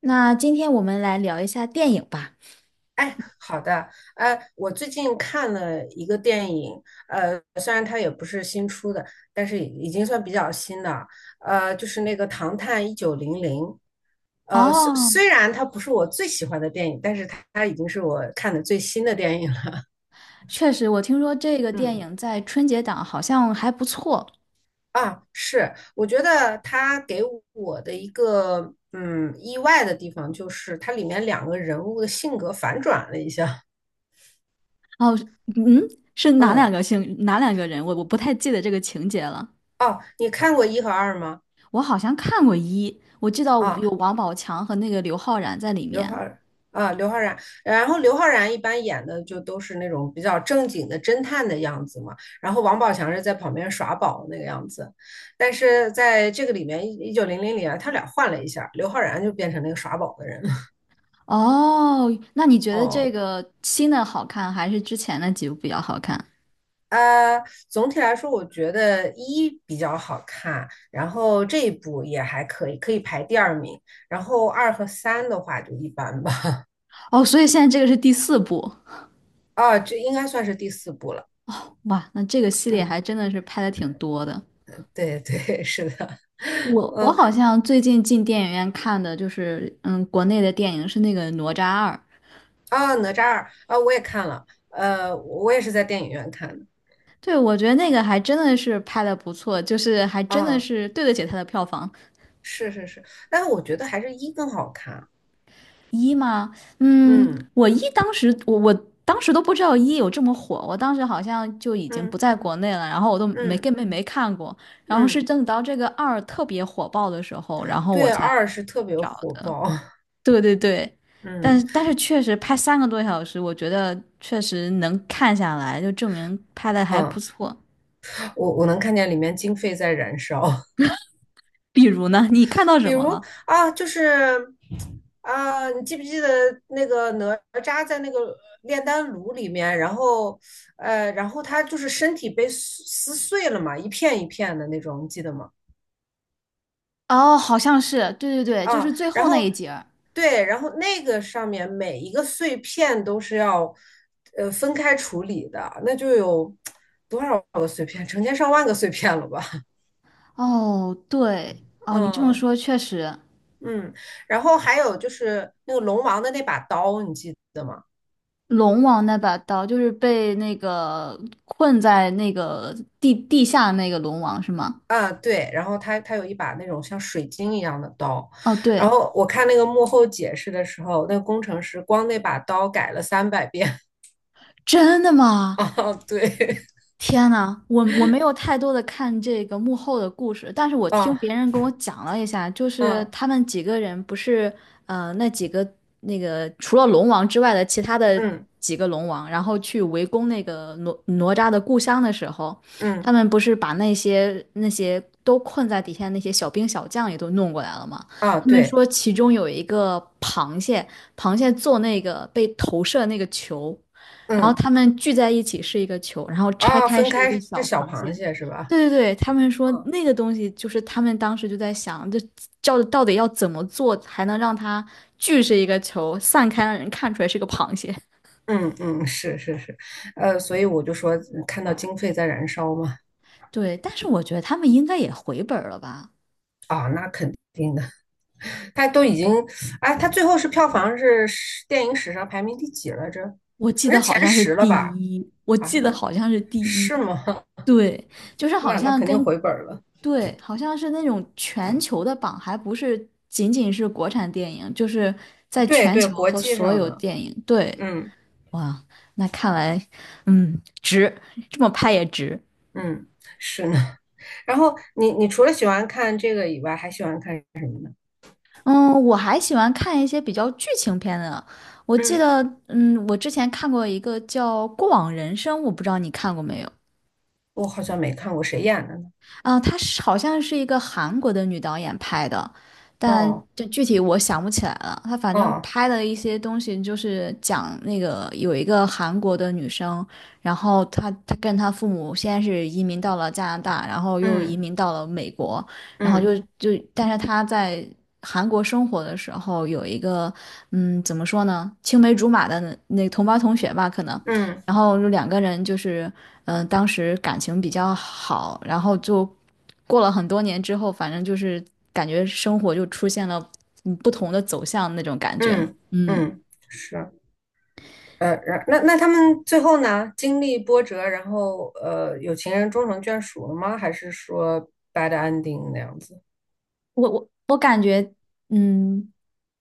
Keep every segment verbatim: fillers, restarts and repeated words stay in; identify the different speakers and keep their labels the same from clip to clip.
Speaker 1: 那今天我们来聊一下电影吧。
Speaker 2: 哎，好的，呃，我最近看了一个电影，呃，虽然它也不是新出的，但是已经算比较新的，呃，就是那个《唐探一九零零》，呃，虽
Speaker 1: 哦，
Speaker 2: 虽然它不是我最喜欢的电影，但是它它已经是我看的最新的电影了。
Speaker 1: 确实，我听说这个 电
Speaker 2: 嗯，
Speaker 1: 影在春节档好像还不错。
Speaker 2: 啊，是，我觉得它给我的一个嗯意外的地方，就是它里面两个人物的性格反转了一下。
Speaker 1: 哦，嗯，是哪两
Speaker 2: 嗯，
Speaker 1: 个星，哪两个人？我我不太记得这个情节了。
Speaker 2: 哦，你看过一和二吗？
Speaker 1: 我好像看过一，我记得有
Speaker 2: 啊。
Speaker 1: 王宝强和那个刘昊然在里
Speaker 2: 刘昊
Speaker 1: 面。
Speaker 2: 然。啊，刘昊然，然后刘昊然一般演的就都是那种比较正经的侦探的样子嘛，然后王宝强是在旁边耍宝那个样子，但是在这个里面，一九零零里啊，他俩换了一下，刘昊然就变成那个耍宝的人了。
Speaker 1: 哦，那你觉得这
Speaker 2: 哦，
Speaker 1: 个新的好看，还是之前的几部比较好看？
Speaker 2: 呃，总体来说，我觉得一比较好看，然后这一部也还可以，可以排第二名，然后二和三的话就一般吧。
Speaker 1: 哦，所以现在这个是第四部。
Speaker 2: 啊，这应该算是第四部了。
Speaker 1: 哇，那这个系列
Speaker 2: 嗯，
Speaker 1: 还真的是拍的挺多的。
Speaker 2: 对对，是的。
Speaker 1: 我我
Speaker 2: 嗯，
Speaker 1: 好像最近进电影院看的就是，嗯，国内的电影是那个《哪吒二》。
Speaker 2: 啊，哪吒二啊，我也看了，呃，我也是在电影院看的。
Speaker 1: 对，我觉得那个还真的是拍的不错，就是还真的
Speaker 2: 啊，
Speaker 1: 是对得起它的票房。
Speaker 2: 是是是，但是我觉得还是一更好看。
Speaker 1: 一吗？嗯，
Speaker 2: 嗯，
Speaker 1: 我一当时我我当时都不知道一有这么火，我当时好像就已经不
Speaker 2: 嗯，
Speaker 1: 在国内了，然后我都没
Speaker 2: 嗯，
Speaker 1: 根本没看过，然后是
Speaker 2: 嗯，
Speaker 1: 等到这个二特别火爆的时候，然后我
Speaker 2: 对，
Speaker 1: 才
Speaker 2: 二是特别
Speaker 1: 找
Speaker 2: 火
Speaker 1: 的。
Speaker 2: 爆。
Speaker 1: 对对对，但
Speaker 2: 嗯，
Speaker 1: 是但是确实拍三个多小时，我觉得确实能看下来，就证明拍的还不
Speaker 2: 嗯，
Speaker 1: 错。
Speaker 2: 我我能看见里面经费在燃烧。
Speaker 1: 比如呢，你看到
Speaker 2: 比
Speaker 1: 什么
Speaker 2: 如
Speaker 1: 了？
Speaker 2: 啊，就是啊，你记不记得那个哪吒在那个炼丹炉里面，然后呃，然后他就是身体被撕撕碎了嘛，一片一片的那种，你记得吗？
Speaker 1: 哦，好像是，对对对，就
Speaker 2: 啊，
Speaker 1: 是最
Speaker 2: 然
Speaker 1: 后那一
Speaker 2: 后
Speaker 1: 节儿。
Speaker 2: 对，然后那个上面每一个碎片都是要呃分开处理的，那就有多少个碎片，成千上万个碎片了吧？
Speaker 1: 哦，对，哦，你这么
Speaker 2: 嗯，
Speaker 1: 说确实。
Speaker 2: 嗯，然后还有就是那个龙王的那把刀，你记得吗？
Speaker 1: 龙王那把刀就是被那个困在那个地地下那个龙王是吗？
Speaker 2: 啊，对，然后他他有一把那种像水晶一样的刀，
Speaker 1: 哦，
Speaker 2: 然
Speaker 1: 对，
Speaker 2: 后我看那个幕后解释的时候，那个工程师光那把刀改了三百遍。
Speaker 1: 真的 吗？
Speaker 2: 啊，对。
Speaker 1: 天呐，我我没有太多的看这个幕后的故事，但 是我听
Speaker 2: 啊，
Speaker 1: 别人跟我讲了一下，就是
Speaker 2: 啊，
Speaker 1: 他们几个人不是呃那几个那个除了龙王之外的其他的
Speaker 2: 嗯，
Speaker 1: 几个龙王，然后去围攻那个哪哪吒的故乡的时候，
Speaker 2: 嗯，
Speaker 1: 他们不是把那些那些都困在底下那些小兵小将也都弄过来了吗？
Speaker 2: 啊，
Speaker 1: 他们
Speaker 2: 对。
Speaker 1: 说其中有一个螃蟹，螃蟹做那个被投射那个球。然后
Speaker 2: 嗯，
Speaker 1: 他们聚在一起是一个球，然后拆
Speaker 2: 啊，
Speaker 1: 开
Speaker 2: 分
Speaker 1: 是一个
Speaker 2: 开是
Speaker 1: 小
Speaker 2: 小
Speaker 1: 螃
Speaker 2: 螃
Speaker 1: 蟹。
Speaker 2: 蟹是吧？
Speaker 1: 对对对，他们说
Speaker 2: 嗯，
Speaker 1: 那个东西就是他们当时就在想，这叫到底要怎么做才能让它聚是一个球，散开让人看出来是个螃蟹。
Speaker 2: 嗯，嗯，是是是，呃，所以我就说看到经费在燃烧嘛。
Speaker 1: 对，但是我觉得他们应该也回本儿了吧？
Speaker 2: 啊，那肯定的。他都已经，哎，他最后是票房是史电影史上排名第几来着？
Speaker 1: 我记
Speaker 2: 反
Speaker 1: 得
Speaker 2: 正
Speaker 1: 好
Speaker 2: 前
Speaker 1: 像是
Speaker 2: 十了
Speaker 1: 第
Speaker 2: 吧？
Speaker 1: 一，我
Speaker 2: 啊，
Speaker 1: 记得
Speaker 2: 那
Speaker 1: 好像是第一。
Speaker 2: 是吗？
Speaker 1: 对，就是 好
Speaker 2: 那那
Speaker 1: 像
Speaker 2: 肯定
Speaker 1: 跟
Speaker 2: 回本儿了。
Speaker 1: 对，好像是那种全球的榜，还不是仅仅是国产电影，就是在
Speaker 2: 对
Speaker 1: 全
Speaker 2: 对，
Speaker 1: 球
Speaker 2: 国
Speaker 1: 和
Speaker 2: 际
Speaker 1: 所
Speaker 2: 上
Speaker 1: 有
Speaker 2: 的。
Speaker 1: 电影。对，
Speaker 2: 嗯，
Speaker 1: 哇，那看来，嗯，值，这么拍也值。
Speaker 2: 嗯，是呢。然后你你除了喜欢看这个以外，还喜欢看。
Speaker 1: 嗯，我还喜欢看一些比较剧情片的。我记
Speaker 2: 嗯，
Speaker 1: 得，嗯，我之前看过一个叫《过往人生》，我不知道你看过没有。
Speaker 2: 我好像没看过，谁演的呢？
Speaker 1: 啊，她是好像是一个韩国的女导演拍的，但
Speaker 2: 哦，
Speaker 1: 就具体我想不起来了。她反正
Speaker 2: 哦。
Speaker 1: 拍的一些东西就是讲那个有一个韩国的女生，然后她她跟她父母先是移民到了加拿大，然后又移
Speaker 2: 嗯，
Speaker 1: 民到了美国，然后
Speaker 2: 嗯，
Speaker 1: 就就但是她在韩国生活的时候有一个嗯怎么说呢，青梅竹马的那那同班同学吧，可能。
Speaker 2: 嗯，
Speaker 1: 然后就两个人就是嗯、呃当时感情比较好，然后就过了很多年之后，反正就是感觉生活就出现了嗯不同的走向那种感觉。
Speaker 2: 嗯，
Speaker 1: 嗯，
Speaker 2: 嗯，是，呃，然那那他们最后呢，经历波折，然后呃，有情人终成眷属了吗？还是说 bad ending 那样子？
Speaker 1: 我我我感觉嗯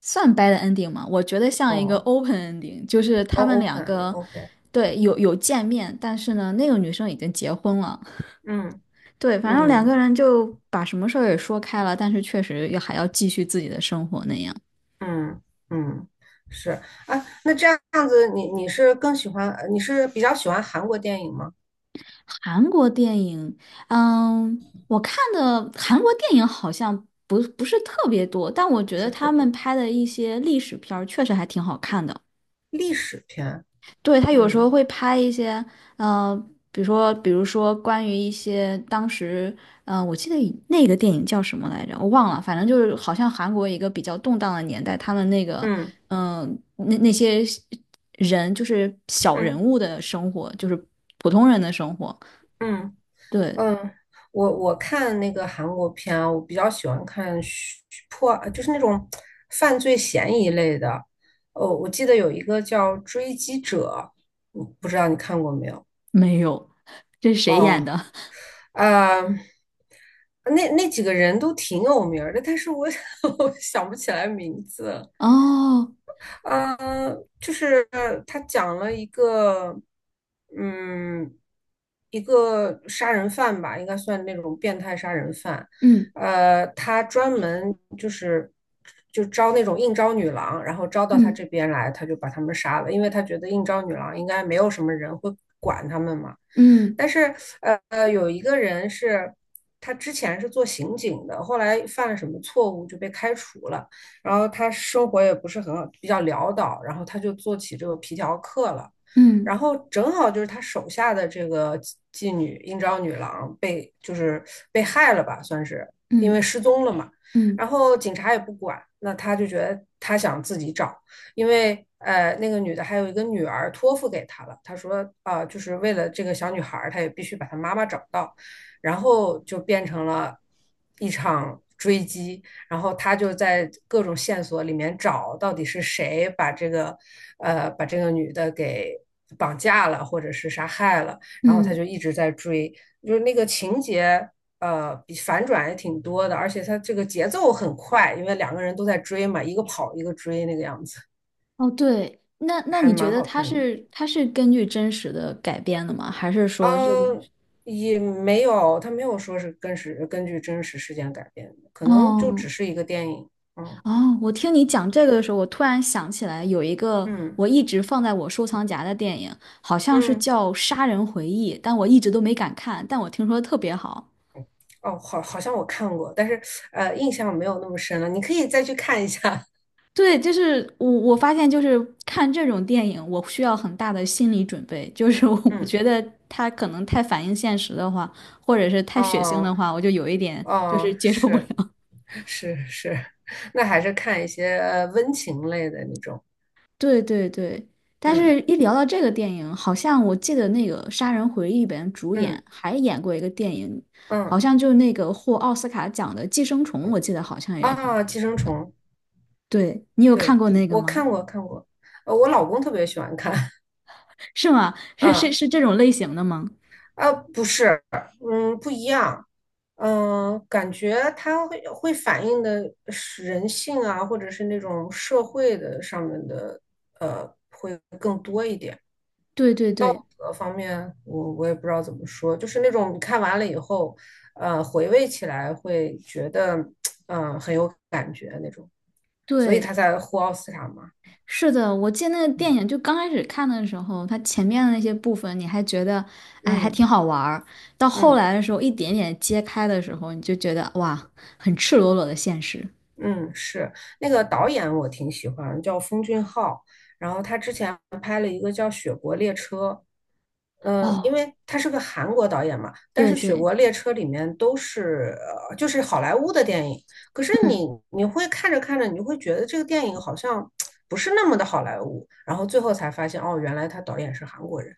Speaker 1: 算 bad ending 吗？我觉得像一个
Speaker 2: 哦，
Speaker 1: open ending,就是
Speaker 2: 哦
Speaker 1: 他们两
Speaker 2: ，open
Speaker 1: 个。
Speaker 2: ending，OK，
Speaker 1: 对，有有见面，但是呢，那个女生已经结婚了。
Speaker 2: 嗯，
Speaker 1: 对，反正两个
Speaker 2: 嗯，
Speaker 1: 人就把什么事儿也说开了，但是确实也还要继续自己的生活那样。
Speaker 2: 嗯，嗯，是啊，那这样子你，你是更喜欢，呃你是比较喜欢韩国电影吗？
Speaker 1: 韩国电影，嗯，我看的韩国电影好像不不是特别多，但我觉
Speaker 2: 不
Speaker 1: 得
Speaker 2: 是特
Speaker 1: 他
Speaker 2: 多，
Speaker 1: 们拍的一些历史片儿确实还挺好看的。
Speaker 2: 历史片。
Speaker 1: 对，他有时候
Speaker 2: 嗯，
Speaker 1: 会拍一些，呃，比如说，比如说关于一些当时，嗯，我记得以那个电影叫什么来着，我忘了，反正就是好像韩国一个比较动荡的年代，他们那个，
Speaker 2: 嗯，
Speaker 1: 嗯、那那些人就是小人
Speaker 2: 嗯，
Speaker 1: 物的生活，就是普通人的生活。
Speaker 2: 嗯，
Speaker 1: 对，
Speaker 2: 嗯，我我看那个韩国片啊，我比较喜欢看虚破，就是那种犯罪嫌疑类的。哦，我记得有一个叫《追击者》，嗯不知道你看过没有？
Speaker 1: 没有，这是谁演
Speaker 2: 哦，
Speaker 1: 的？
Speaker 2: 啊、那那几个人都挺有名儿的，但是我 我想不起来名字。
Speaker 1: 哦，
Speaker 2: 嗯，呃就是他讲了一个，嗯，一个杀人犯吧，应该算那种变态杀人犯。
Speaker 1: 嗯
Speaker 2: 呃，他专门就是就招那种应招女郎，然后招到他
Speaker 1: 嗯
Speaker 2: 这边来，他就把他们杀了，因为他觉得应招女郎应该没有什么人会管他们嘛。
Speaker 1: 嗯
Speaker 2: 但是，呃呃，有一个人是他之前是做刑警的，后来犯了什么错误就被开除了。然后他生活也不是很好，比较潦倒，然后他就做起这个皮条客了。
Speaker 1: 嗯
Speaker 2: 然后正好就是他手下的这个妓女应招女郎被就是被害了吧，算是因
Speaker 1: 嗯
Speaker 2: 为失踪了嘛。
Speaker 1: 嗯
Speaker 2: 然后警察也不管，那他就觉得他想自己找，因为呃那个女的还有一个女儿托付给他了，他说啊、呃就是为了这个小女孩他也必须把她妈妈找到。然后就变成了一场追击，然后他就在各种线索里面找到底是谁把这个，呃，把这个女的给绑架了，或者是杀害了。然后他
Speaker 1: 嗯，
Speaker 2: 就一直在追，就是那个情节，呃，比反转也挺多的，而且他这个节奏很快，因为两个人都在追嘛，一个跑一个追那个样子，
Speaker 1: 哦，对，那那
Speaker 2: 还
Speaker 1: 你觉
Speaker 2: 蛮
Speaker 1: 得
Speaker 2: 好
Speaker 1: 它
Speaker 2: 看的。
Speaker 1: 是它是根据真实的改编的吗？还是说这种？
Speaker 2: 嗯，也没有，他没有说是根是根据真实事件改编的，可能就
Speaker 1: 哦，
Speaker 2: 只是一个电影。嗯，
Speaker 1: 哦，我听你讲这个的时候，我突然想起来有一个
Speaker 2: 嗯，
Speaker 1: 我一直放在我收藏夹的电影，好像是
Speaker 2: 嗯。
Speaker 1: 叫《杀人回忆》，但我一直都没敢看，但我听说特别好。
Speaker 2: 哦，好，好像我看过，但是呃，印象没有那么深了。你可以再去看一下。
Speaker 1: 对，就是我我发现就是看这种电影，我需要很大的心理准备。就是我 我
Speaker 2: 嗯，
Speaker 1: 觉得它可能太反映现实的话，或者是太血腥的
Speaker 2: 哦，
Speaker 1: 话，我就有一点就是
Speaker 2: 哦，
Speaker 1: 接受不了。
Speaker 2: 是是是，那还是看一些呃温情类的那种。
Speaker 1: 对对对，但
Speaker 2: 嗯，
Speaker 1: 是一聊到这个电影，好像我记得那个《杀人回忆》里边主
Speaker 2: 嗯，
Speaker 1: 演还演过一个电影，好
Speaker 2: 嗯，
Speaker 1: 像就那个获奥斯卡奖的《寄生虫》，我记得好像也是他。
Speaker 2: 啊，寄生虫，
Speaker 1: 对，你有看
Speaker 2: 对，
Speaker 1: 过那个
Speaker 2: 我
Speaker 1: 吗？
Speaker 2: 看过看过，呃，我老公特别喜欢看。
Speaker 1: 是吗？是是
Speaker 2: 啊。
Speaker 1: 是这种类型的吗？
Speaker 2: 啊，不是，嗯，不一样，嗯，感觉它会会反映的是人性啊，或者是那种社会的上面的，呃，会更多一点。
Speaker 1: 对对对
Speaker 2: 呃，方面我我也不知道怎么说，就是那种你看完了以后，呃，回味起来会觉得嗯、很有感觉那种，所以
Speaker 1: 对。
Speaker 2: 他才获奥斯卡嘛。
Speaker 1: 是的，我记得那个电
Speaker 2: 嗯，
Speaker 1: 影，就刚开始看的时候，它前面的那些部分你还觉得，哎，还
Speaker 2: 嗯，
Speaker 1: 挺好玩儿。到后
Speaker 2: 嗯，
Speaker 1: 来的时候，一点点揭开的时候，你就觉得哇，很赤裸裸的现实。
Speaker 2: 嗯，是那个导演我挺喜欢，叫奉俊昊。然后他之前嗯，呃因
Speaker 1: 哦，
Speaker 2: 为他是个韩国导演嘛，但是
Speaker 1: 对
Speaker 2: 《雪
Speaker 1: 对，
Speaker 2: 国列车》里面都是呃就是好莱坞的电影，可是
Speaker 1: 嗯，
Speaker 2: 你你会看着看着，你就会觉得这个电影好像不是那么的好莱坞，然后最后才发现哦，原来他导演是韩国人。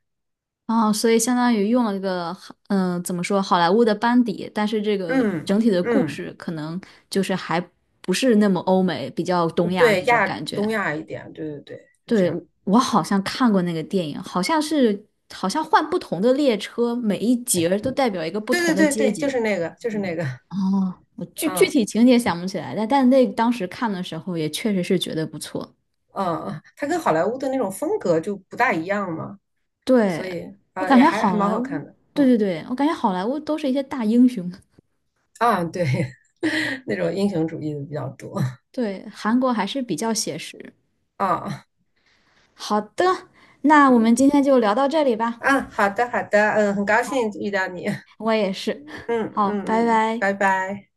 Speaker 1: 哦，所以相当于用了一个，嗯、呃怎么说，好莱坞的班底，但是这个
Speaker 2: 嗯，
Speaker 1: 整体的故
Speaker 2: 嗯，
Speaker 1: 事可能就是还不是那么欧美，比较东亚
Speaker 2: 对，
Speaker 1: 那种
Speaker 2: 亚
Speaker 1: 感觉。
Speaker 2: 东亚一点，对对对，就这
Speaker 1: 对，
Speaker 2: 样。
Speaker 1: 我好像看过那个电影，好像是好像换不同的列车，每一节儿都代表一个不
Speaker 2: 对
Speaker 1: 同
Speaker 2: 对
Speaker 1: 的
Speaker 2: 对
Speaker 1: 阶
Speaker 2: 对，就
Speaker 1: 级。
Speaker 2: 是那个，就是那个，
Speaker 1: 哦，我具具
Speaker 2: 嗯，
Speaker 1: 体情节想不起来，但但那当时看的时候也确实是觉得不错。
Speaker 2: 嗯，他跟好莱坞的那种风格就不大一样嘛，
Speaker 1: 对，
Speaker 2: 所以啊，
Speaker 1: 我
Speaker 2: 呃
Speaker 1: 感
Speaker 2: 也
Speaker 1: 觉
Speaker 2: 还还
Speaker 1: 好
Speaker 2: 蛮
Speaker 1: 莱
Speaker 2: 好
Speaker 1: 坞，
Speaker 2: 看的。
Speaker 1: 对对
Speaker 2: 嗯。
Speaker 1: 对，我感觉好莱坞都是一些大英雄。
Speaker 2: 啊，对，那种英雄主义的比较多
Speaker 1: 对，韩国还是比较写实。
Speaker 2: 啊。
Speaker 1: 好的，那我们今天就聊到这里吧。
Speaker 2: 啊，好的，好的，嗯，很高兴遇到你，嗯，
Speaker 1: 我也是。
Speaker 2: 嗯，
Speaker 1: 好，拜
Speaker 2: 嗯，
Speaker 1: 拜。
Speaker 2: 拜拜。